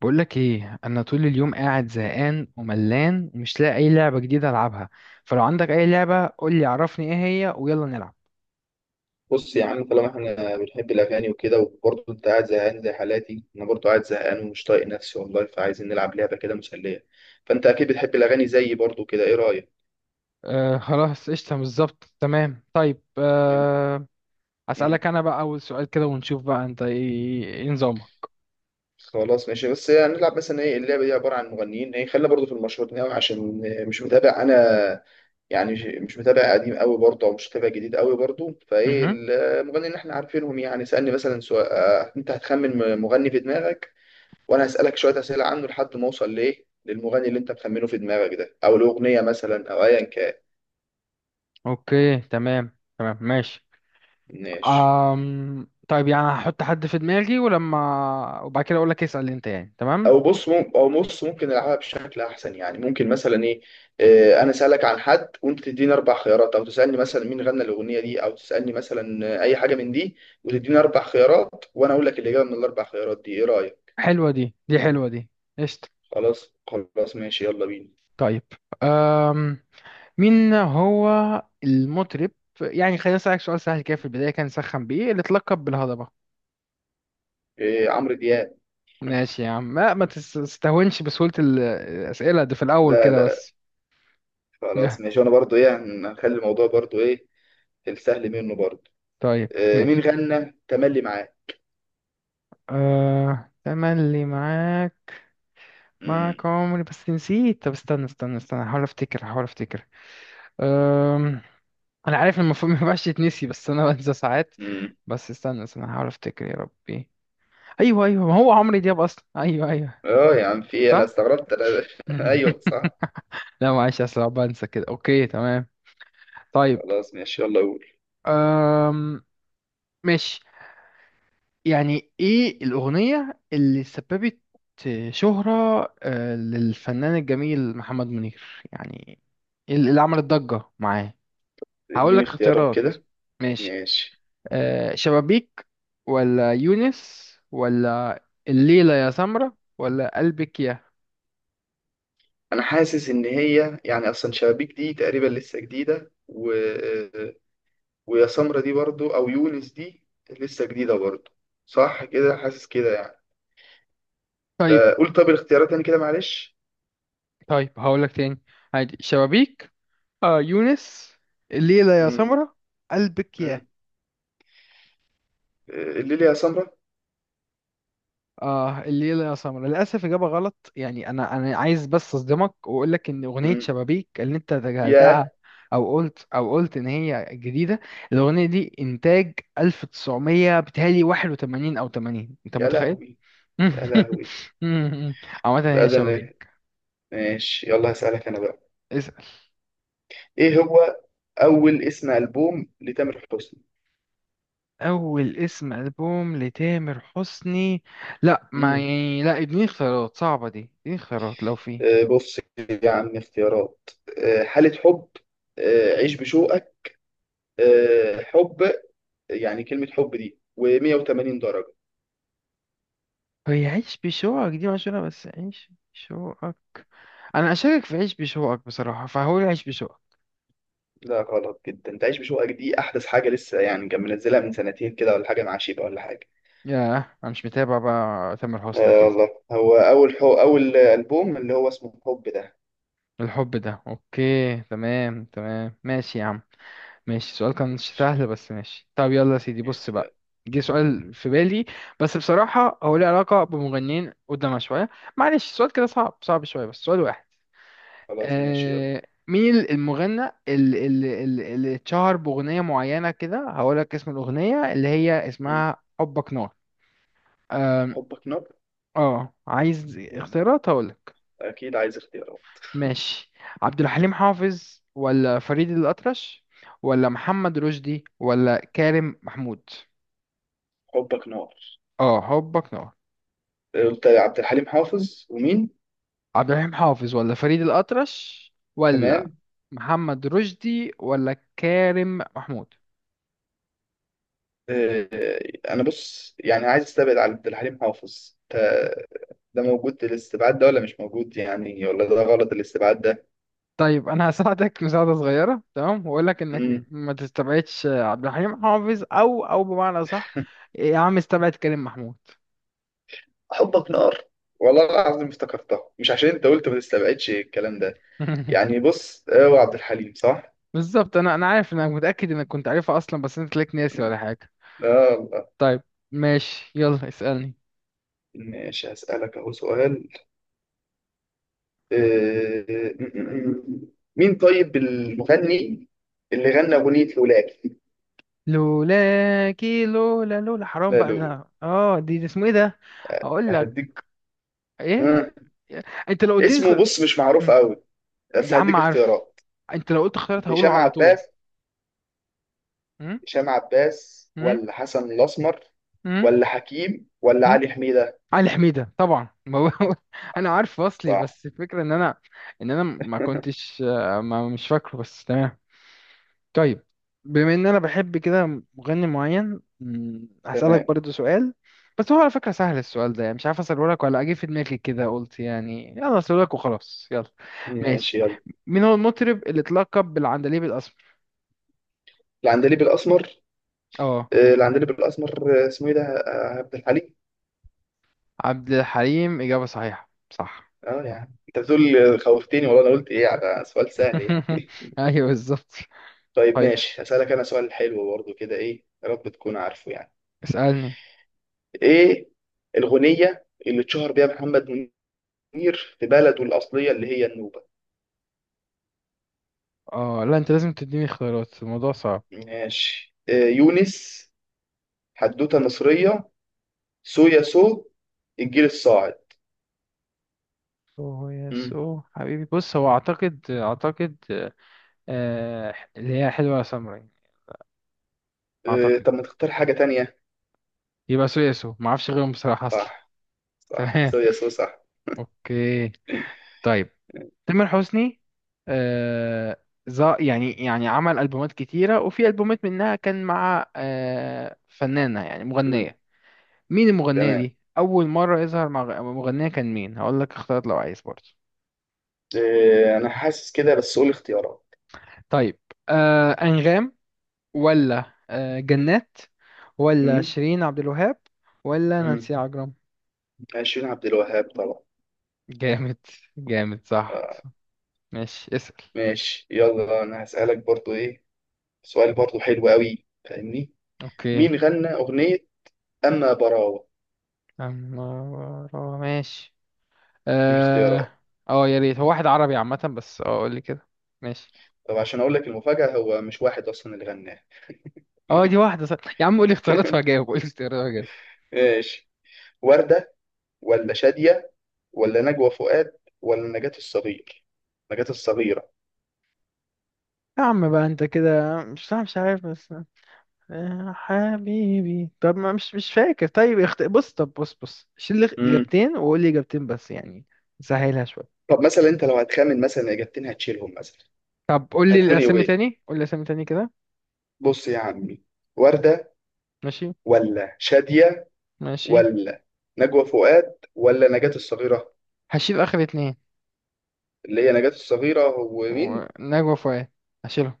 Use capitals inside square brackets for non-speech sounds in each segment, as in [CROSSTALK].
بقولك ايه، انا طول اليوم قاعد زهقان وملان ومش لاقي اي لعبة جديدة العبها. فلو عندك اي لعبة قولي، عرفني ايه هي ويلا نلعب. بص يا عم، طالما احنا بنحب الاغاني وكده وبرضه انت قاعد زهقان زي حالاتي. انا برضه قاعد زهقان ومش طايق نفسي والله، فعايزين نلعب لعبه كده مسليه. فانت اكيد بتحب الاغاني زيي برضه كده، ايه رايك؟ آه خلاص، قشطة، بالظبط، تمام، طيب. يعني- مم. اسألك انا بقى اول سؤال كده ونشوف بقى انت ايه، إيه نظامك؟ خلاص ماشي. بس هنلعب مثلا ايه؟ اللعبه دي عباره عن مغنيين، ايه خلينا برضه في المشهورين قوي عشان مش متابع انا، يعني مش متابع قديم قوي برضه او مش متابع جديد قوي برضه. فايه مهم. المغنيين اللي احنا عارفينهم؟ يعني اسالني مثلا سؤال، انت هتخمن مغني في دماغك وانا هسألك شوية أسئلة عنه لحد ما اوصل ليه للمغني اللي انت مخمنه في دماغك ده، او الأغنية مثلا او ايا كان. اوكي، تمام تمام ماشي. ماشي. طيب، يعني هحط حد في دماغي ولما وبعد كده اقولك اسأل انت، يعني تمام. او بص او بص، ممكن نلعبها بشكل احسن. يعني ممكن مثلا ايه، انا اسالك عن حد وانت تديني اربع خيارات، او تسالني مثلا مين غنى الاغنيه دي، او تسالني مثلا اي حاجه من دي وتديني اربع خيارات وانا اقول لك الاجابه من الاربع خيارات دي. ايه رايك؟ حلوة دي، حلوة دي. قشطة. خلاص خلاص ماشي، يلا بينا. طيب، مين هو المطرب؟ يعني خلينا أسألك سؤال سهل كده في البداية، كان سخن بإيه، اللي اتلقب بالهضبة. إيه، عمرو دياب. ماشي يا عم، ما تستهونش بسهولة الأسئلة دي في الأول لا كده لا، بس. خلاص يا ماشي. وانا برضو ايه، هنخلي الموضوع برضو ايه، السهل منه برضو. طيب مين ماشي. غنى تملي معاه؟ آه تملي معاك، امم معاك عمري، بس نسيت. طب استنى استنى، هحاول أفتكر. أم... أنا عارف المفروض [LAUGHS] ما ينفعش يتنسي، بس أنا بنسى ساعات. امم بس استنى هحاول أفتكر يا ربي. أيوه أيوه، ما هو عمرو دياب أصلا، أيوه أيوه. اه يا عم، في إيه؟ انا صح. استغربت انا. [LAUGHS] ايوه [LAUGHS] صح. لا معلش، اصل أنا بنسى كده. اوكي تمام. طيب. خلاص ماشي يلا قول. أم... ماشي. يعني ايه الاغنية اللي سببت شهرة، للفنان الجميل محمد منير، يعني اللي عملت ضجة معاه؟ هقول اديني لك اختيارات اختيارات كده. ماشي. ماشي. أه شبابيك، ولا يونس، ولا الليلة يا سمرة، ولا قلبك يا. انا حاسس ان هي يعني اصلا شبابيك دي تقريبا لسه جديده ويا سمرة دي برضو او يونس دي لسه جديده برضو. صح كده، حاسس كده يعني. طيب فقول طب الاختيارات تاني كده، معلش. طيب، هقول لك تاني، عادي. شبابيك، آه يونس، الليلة يا امم سمرة، قلبك يا. امم اللي لي يا سمرة. اه الليلة يا سمر للأسف إجابة غلط. يعني أنا عايز بس أصدمك وأقول لك إن أغنية امم شبابيك اللي أنت تجاهلتها يا، أو قلت إن هي جديدة، الأغنية دي إنتاج 1900، بتهيألي 81 أو 80، أنت يا متخيل؟ لهوي. يا لهوي، [LAUGHS] عامة لا هي ده شبابيك. انا. ماشي يلا هسألك انا بقى. اسأل. ايه هو اول اسم البوم لتامر حسني؟ أول اسم ألبوم لتامر حسني؟ لا ما امم يعني لا اديني اختيارات صعبة، دي اديني اختيارات لو في. بص يا عم، اختيارات: حالة حب، عيش بشوقك، حب، يعني كلمة حب دي، و180 درجة. هي عيش بشوقك دي مشهورة، بس عيش بشوقك، انا اشارك في عيش بشوقك بصراحه، فهقول عيش بشوقك. لا غلط جدا، تعيش بشوقك دي أحدث حاجة لسه، يعني كان منزلها من سنتين كده ولا حاجة، مع شيبة ولا حاجة. ياه انا مش متابع بقى تامر حسني آه كده. والله، هو أول أول ألبوم اللي هو اسمه حب ده. الحب ده، اوكي تمام تمام ماشي يا عم. ماشي، السؤال كان مش ماشي. سهل بس ماشي. طب يلا يا سيدي بص ماشي، بقى. يلا. جه م. سؤال في بالي، بس بصراحه هو ليه علاقه بمغنيين قدامها شويه، معلش السؤال كده صعب صعب شويه، بس سؤال واحد. خلاص ماشي يلا. آه. مين المغنى اللي اتشهر باغنيه معينه كده؟ هقول لك اسم الاغنيه اللي هي م. اسمها حبك نار. حبك نار. اه عايز م. اختيارات هقولك أكيد عايز اختيارات. ماشي. عبد الحليم حافظ، ولا فريد الأطرش، ولا محمد رشدي، ولا كارم محمود. حبك نار. اه حبك نار. قلت عبد الحليم حافظ ومين؟ عبد الحليم حافظ، ولا فريد الأطرش، ولا تمام. محمد رشدي، ولا كارم محمود. آه، انا بص يعني عايز استبعد على عبد الحليم حافظ ده موجود الاستبعاد ده ولا مش موجود يعني، ولا ده غلط الاستبعاد ده؟ طيب انا هساعدك [LAUGHS] مساعدة صغيرة، تمام، واقول لك انك امم ما تستبعدش عبد الحليم حافظ او بمعنى صح. يا عم استبعد كريم محمود. حبك نار. والله العظيم افتكرتها مش عشان انت قلت ما تستبعدش الكلام ده. [LAUGHS] يعني بص، هو عبد الحليم صح. بالظبط، انا عارف انك متاكد انك كنت عارفها اصلا، بس انت تلاقيك ناسي ولا حاجه. لا الله. طيب ماشي، يلا اسالني. ماشي هسألك اهو سؤال. م- م- م. مين طيب المغني اللي غنى أغنية لولاك؟ لولاكي، لولا لولا، حرام لا بقى لو ده. اه دي اسمه ايه ده؟ اقول لك هديك ايه؟ آه. انت لو اديت اسمه بص مش معروف مم. قوي، بس يا عم هديك عارف، اختيارات. انت لو قلت اختيارات هقوله هشام على طول. عباس. مم؟ هشام عباس مم؟ ولا حسن الاسمر مم؟ ولا حكيم ولا مم؟ علي حميدة؟ علي حميده طبعا، ما هو- [LAUGHS] انا عارف اصلي، صح. بس الفكره ان انا ما كنتش، ما مش فاكره، بس تمام. طيب، بما ان انا بحب كده مغني معين، هسألك تمام برضو سؤال، بس هو على فكرة سهل السؤال ده، يعني مش عارف اسأله لك ولا اجي في دماغي كده قلت يعني يلا اسأله لك وخلاص يلا. ماشي. ماشي يلا. مين هو المطرب اللي اتلقب بالعندليب الاسمر؟ العندليب الاسمر. اه العندليب الاسمر، اسمه ايه ده، عبد الحليم. عبد الحليم، إجابة صحيحة صح. اه يعني انت بتقول خوفتني والله، انا قلت ايه على سؤال سهل [LAUGHS] يعني. ايوه بالظبط. [LAUGHS] طيب طيب ماشي، هسألك انا سؤال حلو برضه كده، ايه يا رب تكون عارفه يعني. اسألني. ايه الغنية اللي اتشهر بيها محمد منير في بلده الأصلية اللي هي النوبة؟ اه لا انت لازم تديني اختيارات، الموضوع صعب. ماشي. يونس، حدوتة مصرية، سويا سو، الجيل الصاعد. سو يا مم. سو حبيبي، بص هو اعتقد اعتقد، اللي هي حلوة يا سمرة. اعتقد طب ما تختار حاجة تانية؟ يبقى سويسو، ما اعرفش غيرهم بصراحه اصلا. صح. [LAUGHS] صح تمام، سويا سو صح. اوكي. طيب. تامر حسني آه، يعني عمل البومات كتيره، وفي البومات منها كان مع آه فنانه يعني مم. مغنيه. مين المغنيه تمام. دي؟ اول مره يظهر مع مغنيه كان مين؟ هقول لك اختيارات لو عايز برضه. أنا حاسس كده، بس قول اختيارات. طيب. آه انغام، ولا آه جنات، ولا مم. شيرين عبد الوهاب، ولا مم. نانسي عجرم. عشرين عبد الوهاب طبعا. جامد جامد، صح آه، صح. ماشي اسأل. ماشي، يلا، أنا هسألك برضو إيه، سؤال برضو حلو قوي، فاهمني؟ اوكي. مين غنى أغنية أما براوة؟ عمارة ماشي دي اختيارات. اه. اه يا ريت، هو واحد عربي عامة، بس اه قول لي كده ماشي. طب عشان أقول لك المفاجأة، هو مش واحد أصلا اللي غناها. اه دي واحدة صح. يا عم قول لي اختيارات وهجاوب، قول لي اختيارات وهجاوب. ماشي. وردة، ولا شادية، ولا نجوى فؤاد، ولا نجاة الصغير. نجاة الصغيرة. يا عم بقى انت كده، مش عارف بس. يا حبيبي، طب ما مش فاكر. طيب بص، طب بص شيل لي امم اجابتين وقول لي اجابتين، بس يعني سهلها شويه. طب مثلا انت لو هتخمن مثلا اجابتين هتشيلهم مثلا، طب قول لي هتكون ايه الأسامي وين؟ تاني، قول لي الأسامي تاني كده. بص يا عمي، وردة، ماشي ولا شادية، ماشي. ولا نجوى فؤاد، ولا نجاة الصغيرة. هشيل آخر اتنين، اللي هي نجاة الصغيرة هو مين؟ نجوى فؤاد، هشيلهم.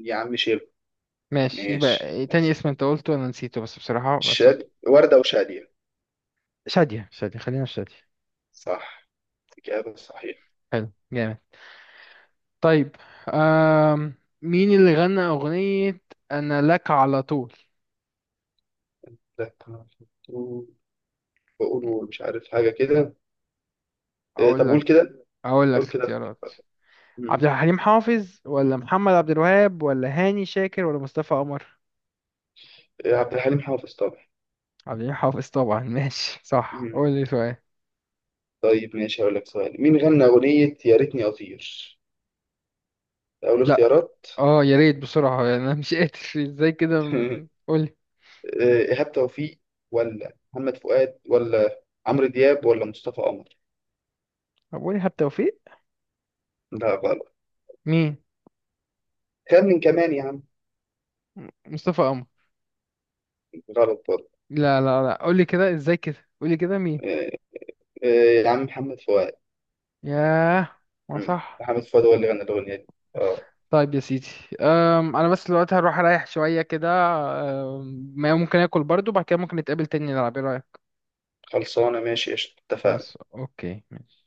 يا عم شيله. ماشي، يبقى ماشي إيه تاني بس اسم انت قلته انا نسيته، بس بصراحة بس وردة وشادية. شادية. شادية، خلينا في شادية. صح، إجابة صحيحة. حلو جامد. طيب. آم... مين اللي غنى أغنية أنا لك على طول؟ ده بقولوا مش عارف حاجة كده. إيه، طب أقول قول لك، كده. أقول لك قول كده. اختيارات. عبد الحليم حافظ، ولا محمد عبد الوهاب، ولا هاني شاكر، ولا مصطفى قمر. عبد الحليم حافظ طبعا. عبد الحليم حافظ طبعا. [LAUGHS] ماشي صح، مم. قول لي سؤال. طيب ماشي، هقول لك سؤال. مين غنى أغنية يا ريتني أطير؟ أول لا اختيارات. اه يا ريت بسرعة [LAUGHS] انا مش قادر. ازاي كده، [LAUGHS] قول لي. إيهاب توفيق، ولا محمد فؤاد، ولا عمرو دياب، ولا مصطفى قمر. طب قول لي إيهاب توفيق. لا غلط. مين؟ كان من كمان يا عم. مصطفى قمر. غلط برضه. لا قولي كده، ازاي كده قولي كده مين؟ آه، آه، يا عم محمد فؤاد. ياه، ما صح. محمد فؤاد هو اللي غنى الأغنية دي. اه. طيب يا سيدي. أم انا بس دلوقتي هروح اريح شويه كده. ما ممكن اكل برضو بعد كده، ممكن نتقابل تاني نلعب ايه رايك؟ خلصانة ماشي قشطة اتفقنا. بس اوكي ماشي.